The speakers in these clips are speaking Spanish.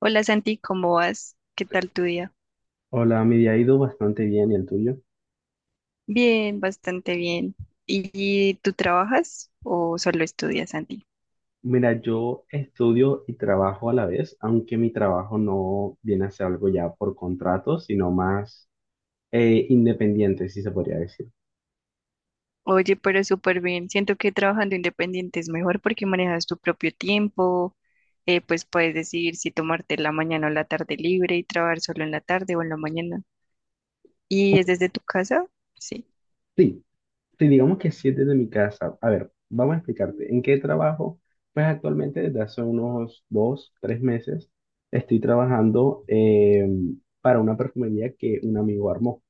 Hola Santi, ¿cómo vas? ¿Qué tal tu día? Hola, mi día ha ido bastante bien, ¿y el tuyo? Bien, bastante bien. ¿Y tú trabajas o solo estudias, Santi? Mira, yo estudio y trabajo a la vez, aunque mi trabajo no viene a ser algo ya por contrato, sino más independiente, si se podría decir. Oye, pero súper bien. Siento que trabajando independiente es mejor porque manejas tu propio tiempo, pues puedes decidir si tomarte la mañana o la tarde libre y trabajar solo en la tarde o en la mañana. ¿Y es desde tu casa? Sí. Sí, sí, digamos que sí desde mi casa. A ver, vamos a explicarte. ¿En qué trabajo? Pues actualmente desde hace unos 2, 3 meses estoy trabajando para una perfumería que un amigo armó.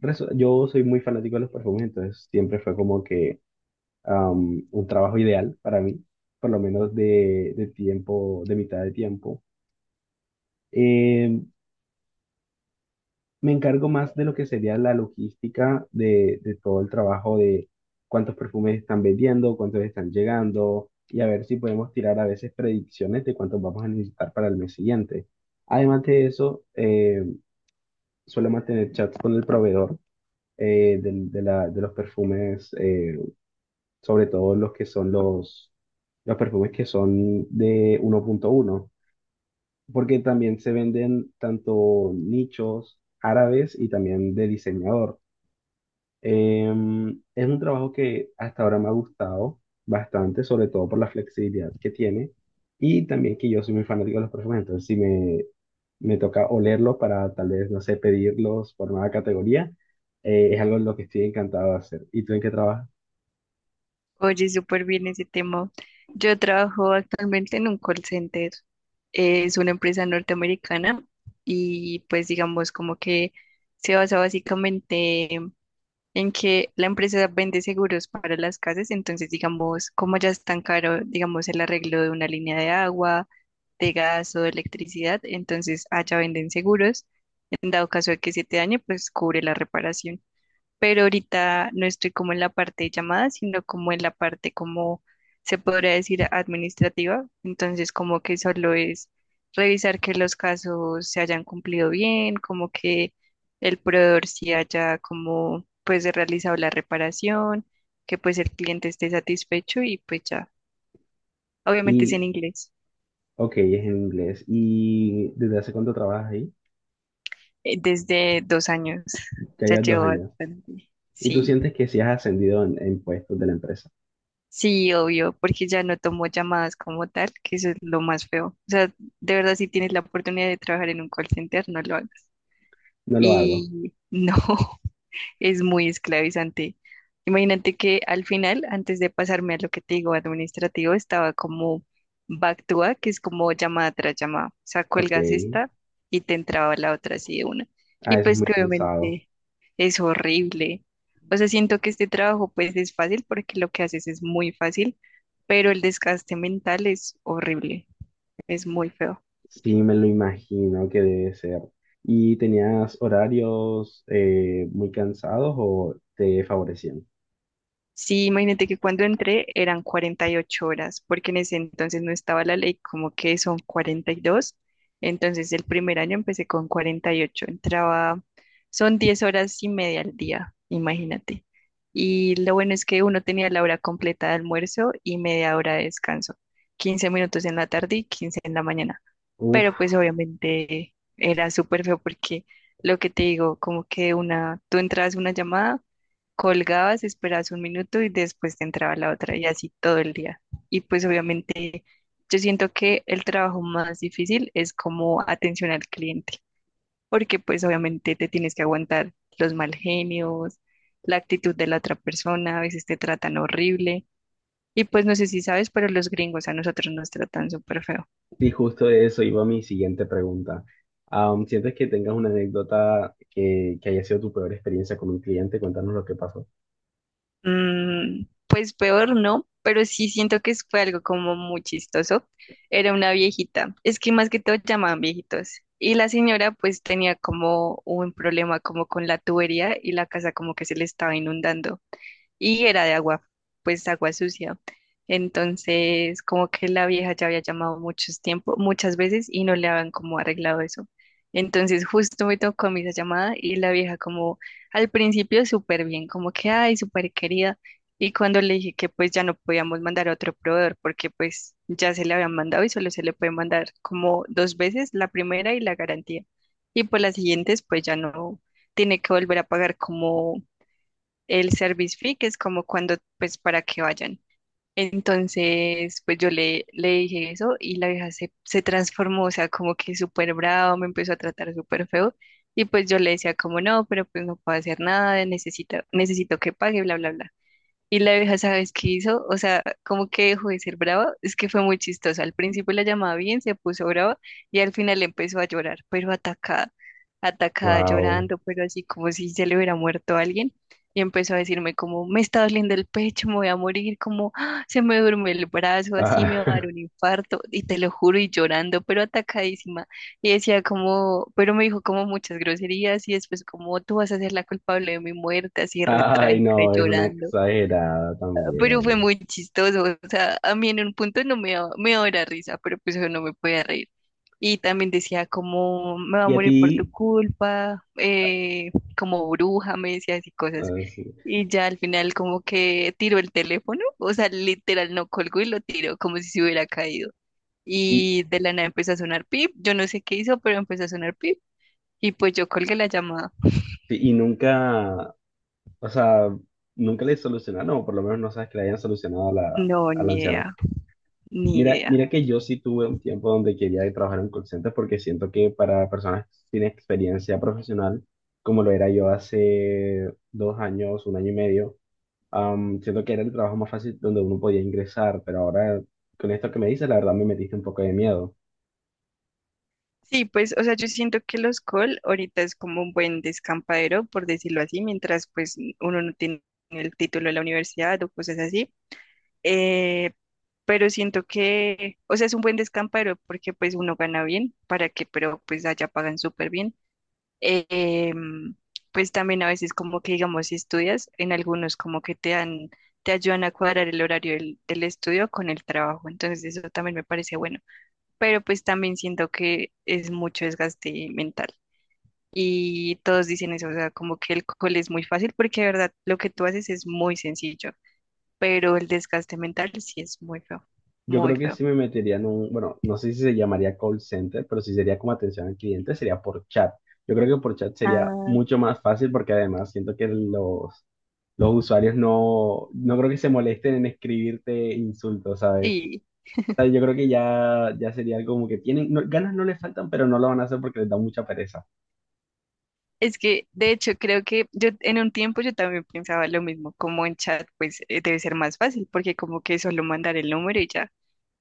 Yo soy muy fanático de los perfumes, entonces siempre fue como que un trabajo ideal para mí, por lo menos de, de mitad de tiempo. Eh, Me encargo más de lo que sería la logística de todo el trabajo de cuántos perfumes están vendiendo, cuántos están llegando y a ver si podemos tirar a veces predicciones de cuántos vamos a necesitar para el mes siguiente. Además de eso, suelo mantener chats con el proveedor de los perfumes. Sobre todo los que son los perfumes que son de 1.1, porque también se venden tanto nichos árabes y también de diseñador. Es un trabajo que hasta ahora me ha gustado bastante, sobre todo por la flexibilidad que tiene y también que yo soy muy fanático de los perfumes, entonces si me toca olerlos para tal vez, no sé, pedirlos por nueva categoría, es algo en lo que estoy encantado de hacer. ¿Y tú en qué trabajas? Oye, súper bien ese tema. Yo trabajo actualmente en un call center. Es una empresa norteamericana y pues digamos como que se basa básicamente en que la empresa vende seguros para las casas. Entonces, digamos, como ya es tan caro, digamos, el arreglo de una línea de agua, de gas o de electricidad, entonces allá venden seguros. En dado caso de que se te dañe, pues cubre la reparación, pero ahorita no estoy como en la parte de llamadas, sino como en la parte como se podría decir administrativa. Entonces, como que solo es revisar que los casos se hayan cumplido bien, como que el proveedor sí haya como pues realizado la reparación, que pues el cliente esté satisfecho y pues ya. Obviamente es en Y inglés. Ok, es en inglés. ¿Y desde hace cuánto trabajas ahí? Desde 2 años Ya ya llevas dos llevo años. bastante. ¿Y tú Sí. sientes que si has ascendido en puestos de la empresa? Sí, obvio, porque ya no tomo llamadas como tal, que eso es lo más feo. O sea, de verdad, si tienes la oportunidad de trabajar en un call center, no lo hagas. No lo hago. Y no, es muy esclavizante. Imagínate que al final, antes de pasarme a lo que te digo administrativo, estaba como back to back, que es como llamada tras llamada. O sea, Ok. cuelgas esta y te entraba la otra así de una. Ah, Y eso es pues muy que cansado. obviamente es horrible. O sea, siento que este trabajo pues es fácil porque lo que haces es muy fácil, pero el desgaste mental es horrible, es muy feo. Sí, me lo imagino que debe ser. ¿Y tenías horarios muy cansados o te favorecían? Sí, imagínate que cuando entré eran 48 horas, porque en ese entonces no estaba la ley como que son 42. Entonces el primer año empecé con 48. Entraba, son 10 horas y media al día, imagínate. Y lo bueno es que uno tenía la hora completa de almuerzo y media hora de descanso. 15 minutos en la tarde y 15 en la mañana, pero Uf, pues obviamente era súper feo porque lo que te digo, como que una, tú entrabas una llamada, colgabas, esperabas un minuto y después te entraba la otra y así todo el día. Y pues obviamente yo siento que el trabajo más difícil es como atención al cliente, porque pues obviamente te tienes que aguantar los mal genios, la actitud de la otra persona, a veces te tratan horrible. Y pues no sé si sabes, pero los gringos a nosotros nos tratan súper feo. sí, justo de eso iba mi siguiente pregunta. ¿Sientes que tengas una anécdota que haya sido tu peor experiencia con un cliente? Cuéntanos lo que pasó. Pues peor no, pero sí siento que fue algo como muy chistoso. Era una viejita, es que más que todo llamaban viejitos. Y la señora pues tenía como un problema como con la tubería y la casa como que se le estaba inundando y era de agua, pues agua sucia. Entonces, como que la vieja ya había llamado muchos tiempo, muchas veces y no le habían como arreglado eso. Entonces, justo me tocó a mí esa llamada y la vieja como al principio súper bien, como que, ay, súper querida. Y cuando le dije que pues ya no podíamos mandar a otro proveedor porque pues ya se le habían mandado y solo se le puede mandar como dos veces, la primera y la garantía. Y por las siguientes pues ya no tiene que volver a pagar como el service fee, que es como cuando, pues, para que vayan. Entonces, pues yo le dije eso y la vieja se transformó, o sea, como que súper bravo, me empezó a tratar súper feo. Y pues yo le decía como no, pero pues no puedo hacer nada, necesito que pague, bla, bla, bla. Y la vieja, ¿sabes qué hizo? O sea, como que dejó de ser brava. Es que fue muy chistosa. Al principio la llamaba bien, se puso brava y al final empezó a llorar, pero atacada, atacada, Wow. llorando, pero así como si se le hubiera muerto alguien. Y empezó a decirme como, me está doliendo el pecho, me voy a morir, como "Ah, se me duerme el brazo, así me va a dar un infarto. Y te lo juro, y llorando, pero atacadísima. Y decía como, pero me dijo como muchas groserías y después como, tú vas a ser la culpable de mi muerte, así re Ay, trágica y no, es una llorando. exagerada Pero fue también. muy chistoso, o sea, a mí en un punto no me daba, me daba la risa, pero pues yo no me podía reír. Y también decía como, me va a Y a morir por tu ti, culpa, como bruja, me decía así cosas. ah, sí. Y ya al final como que tiró el teléfono, o sea, literal no colgó y lo tiró como si se hubiera caído. Y, Y de la nada empezó a sonar pip, yo no sé qué hizo, pero empezó a sonar pip. Y pues yo colgué la llamada. y nunca, o sea, nunca le solucionaron, o por lo menos no sabes que le hayan solucionado No, a la ni anciana. idea, ni Mira, idea. mira que yo sí tuve un tiempo donde quería trabajar en call center porque siento que para personas sin experiencia profesional, como lo era yo hace 2 años, un año y medio, siento que era el trabajo más fácil donde uno podía ingresar, pero ahora con esto que me dices, la verdad me metiste un poco de miedo. Sí, pues, o sea, yo siento que los call ahorita es como un buen descampadero, por decirlo así, mientras pues uno no tiene el título de la universidad o cosas así. Eh, pero siento que, o sea, es un buen descampadero porque pues uno gana bien, para que, pero pues allá pagan súper bien. Eh, em, pues también a veces como que, digamos, si estudias, en algunos como que te dan, te ayudan a cuadrar el horario del estudio con el trabajo. Entonces eso también me parece bueno, pero pues también siento que es mucho desgaste mental. Y todos dicen eso, o sea, como que el cole es muy fácil porque de verdad lo que tú haces es muy sencillo, pero el desgaste mental sí es muy feo, Yo muy creo que feo. sí me metería en un, bueno, no sé si se llamaría call center, pero si sería como atención al cliente, sería por chat. Yo creo que por chat sería Ah, mucho más fácil porque además siento que los usuarios no creo que se molesten en escribirte insultos, ¿sabes? sí, O sea, yo creo que ya sería algo como que tienen, ganas no les faltan, pero no lo van a hacer porque les da mucha pereza. es que de hecho creo que yo en un tiempo yo también pensaba lo mismo, como en chat pues debe ser más fácil porque como que solo mandar el número y ya.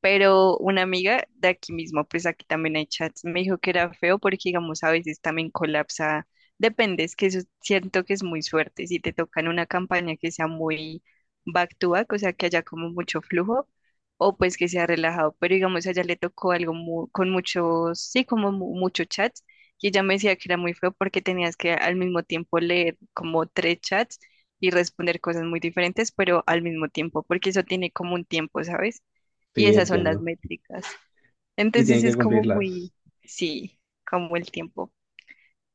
Pero una amiga de aquí mismo, pues aquí también hay chats, me dijo que era feo porque, digamos, a veces también colapsa. Depende, es que eso siento que es muy suerte. Si te toca en una campaña que sea muy back to back, o sea, que haya como mucho flujo, o pues que sea relajado. Pero, digamos, a ella le tocó algo con muchos, sí, como muchos chats, y ella me decía que era muy feo porque tenías que al mismo tiempo leer como tres chats y responder cosas muy diferentes, pero al mismo tiempo, porque eso tiene como un tiempo, ¿sabes? Y Sí, esas son las entiendo. métricas. Y tienen Entonces que es como muy, cumplirlas. sí, como el tiempo.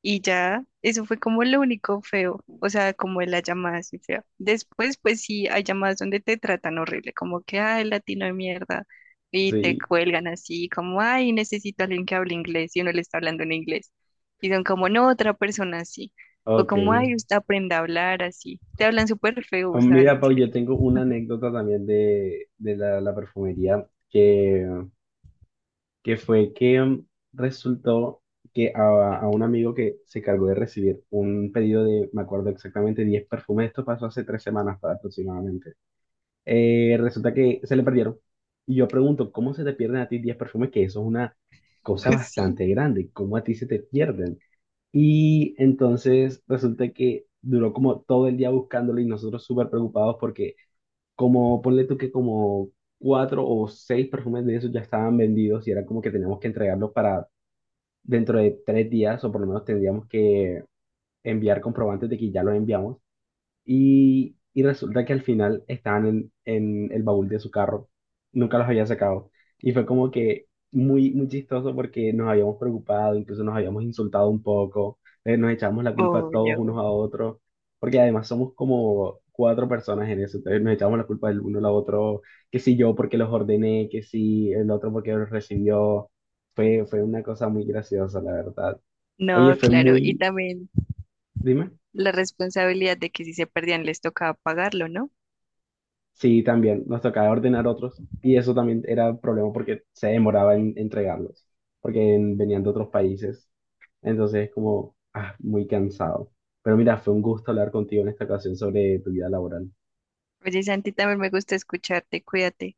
Y ya, eso fue como lo único feo, o sea, como la llamada así fea. Después, pues sí, hay llamadas donde te tratan horrible, como que, ay, latino de mierda, y te Sí, cuelgan así, como, ay, necesito a alguien que hable inglés, y uno le está hablando en inglés. Y son como, no, otra persona así. O ok. como, ay, usted aprenda a hablar así. Te hablan súper feo, Oh, o sea, en mira, Pau, yo serio. tengo una anécdota también de la perfumería que fue que mm, resultó que a un amigo que se cargó de recibir un pedido de, me acuerdo exactamente, 10 perfumes, esto pasó hace 3 semanas aproximadamente. Resulta que se le perdieron. Y yo pregunto, ¿cómo se te pierden a ti 10 perfumes? Que eso es una cosa Sí, bastante grande, ¿cómo a ti se te pierden? Y entonces resulta que duró como todo el día buscándolo y nosotros súper preocupados porque como ponle tú que como 4 o 6 perfumes de esos ya estaban vendidos y era como que teníamos que entregarlos para dentro de 3 días o por lo menos tendríamos que enviar comprobantes de que ya los enviamos y resulta que al final estaban en el baúl de su carro. Nunca los había sacado. Y fue como que muy, muy chistoso porque nos habíamos preocupado, incluso nos habíamos insultado un poco. Nos echamos la culpa todos unos obvio. a otros. Porque además somos como cuatro personas en eso. Entonces nos echamos la culpa del uno al otro. Que si yo porque los ordené, que si el otro porque los recibió. Fue una cosa muy graciosa, la verdad. Oye, No, fue claro. Y muy... también Dime. la responsabilidad de que si se perdían les tocaba pagarlo, ¿no? Sí, también nos tocaba ordenar otros y eso también era un problema porque se demoraba en entregarlos, porque venían de otros países. Entonces, como, ah, muy cansado. Pero mira, fue un gusto hablar contigo en esta ocasión sobre tu vida laboral. Oye, Santi, también me gusta escucharte, cuídate.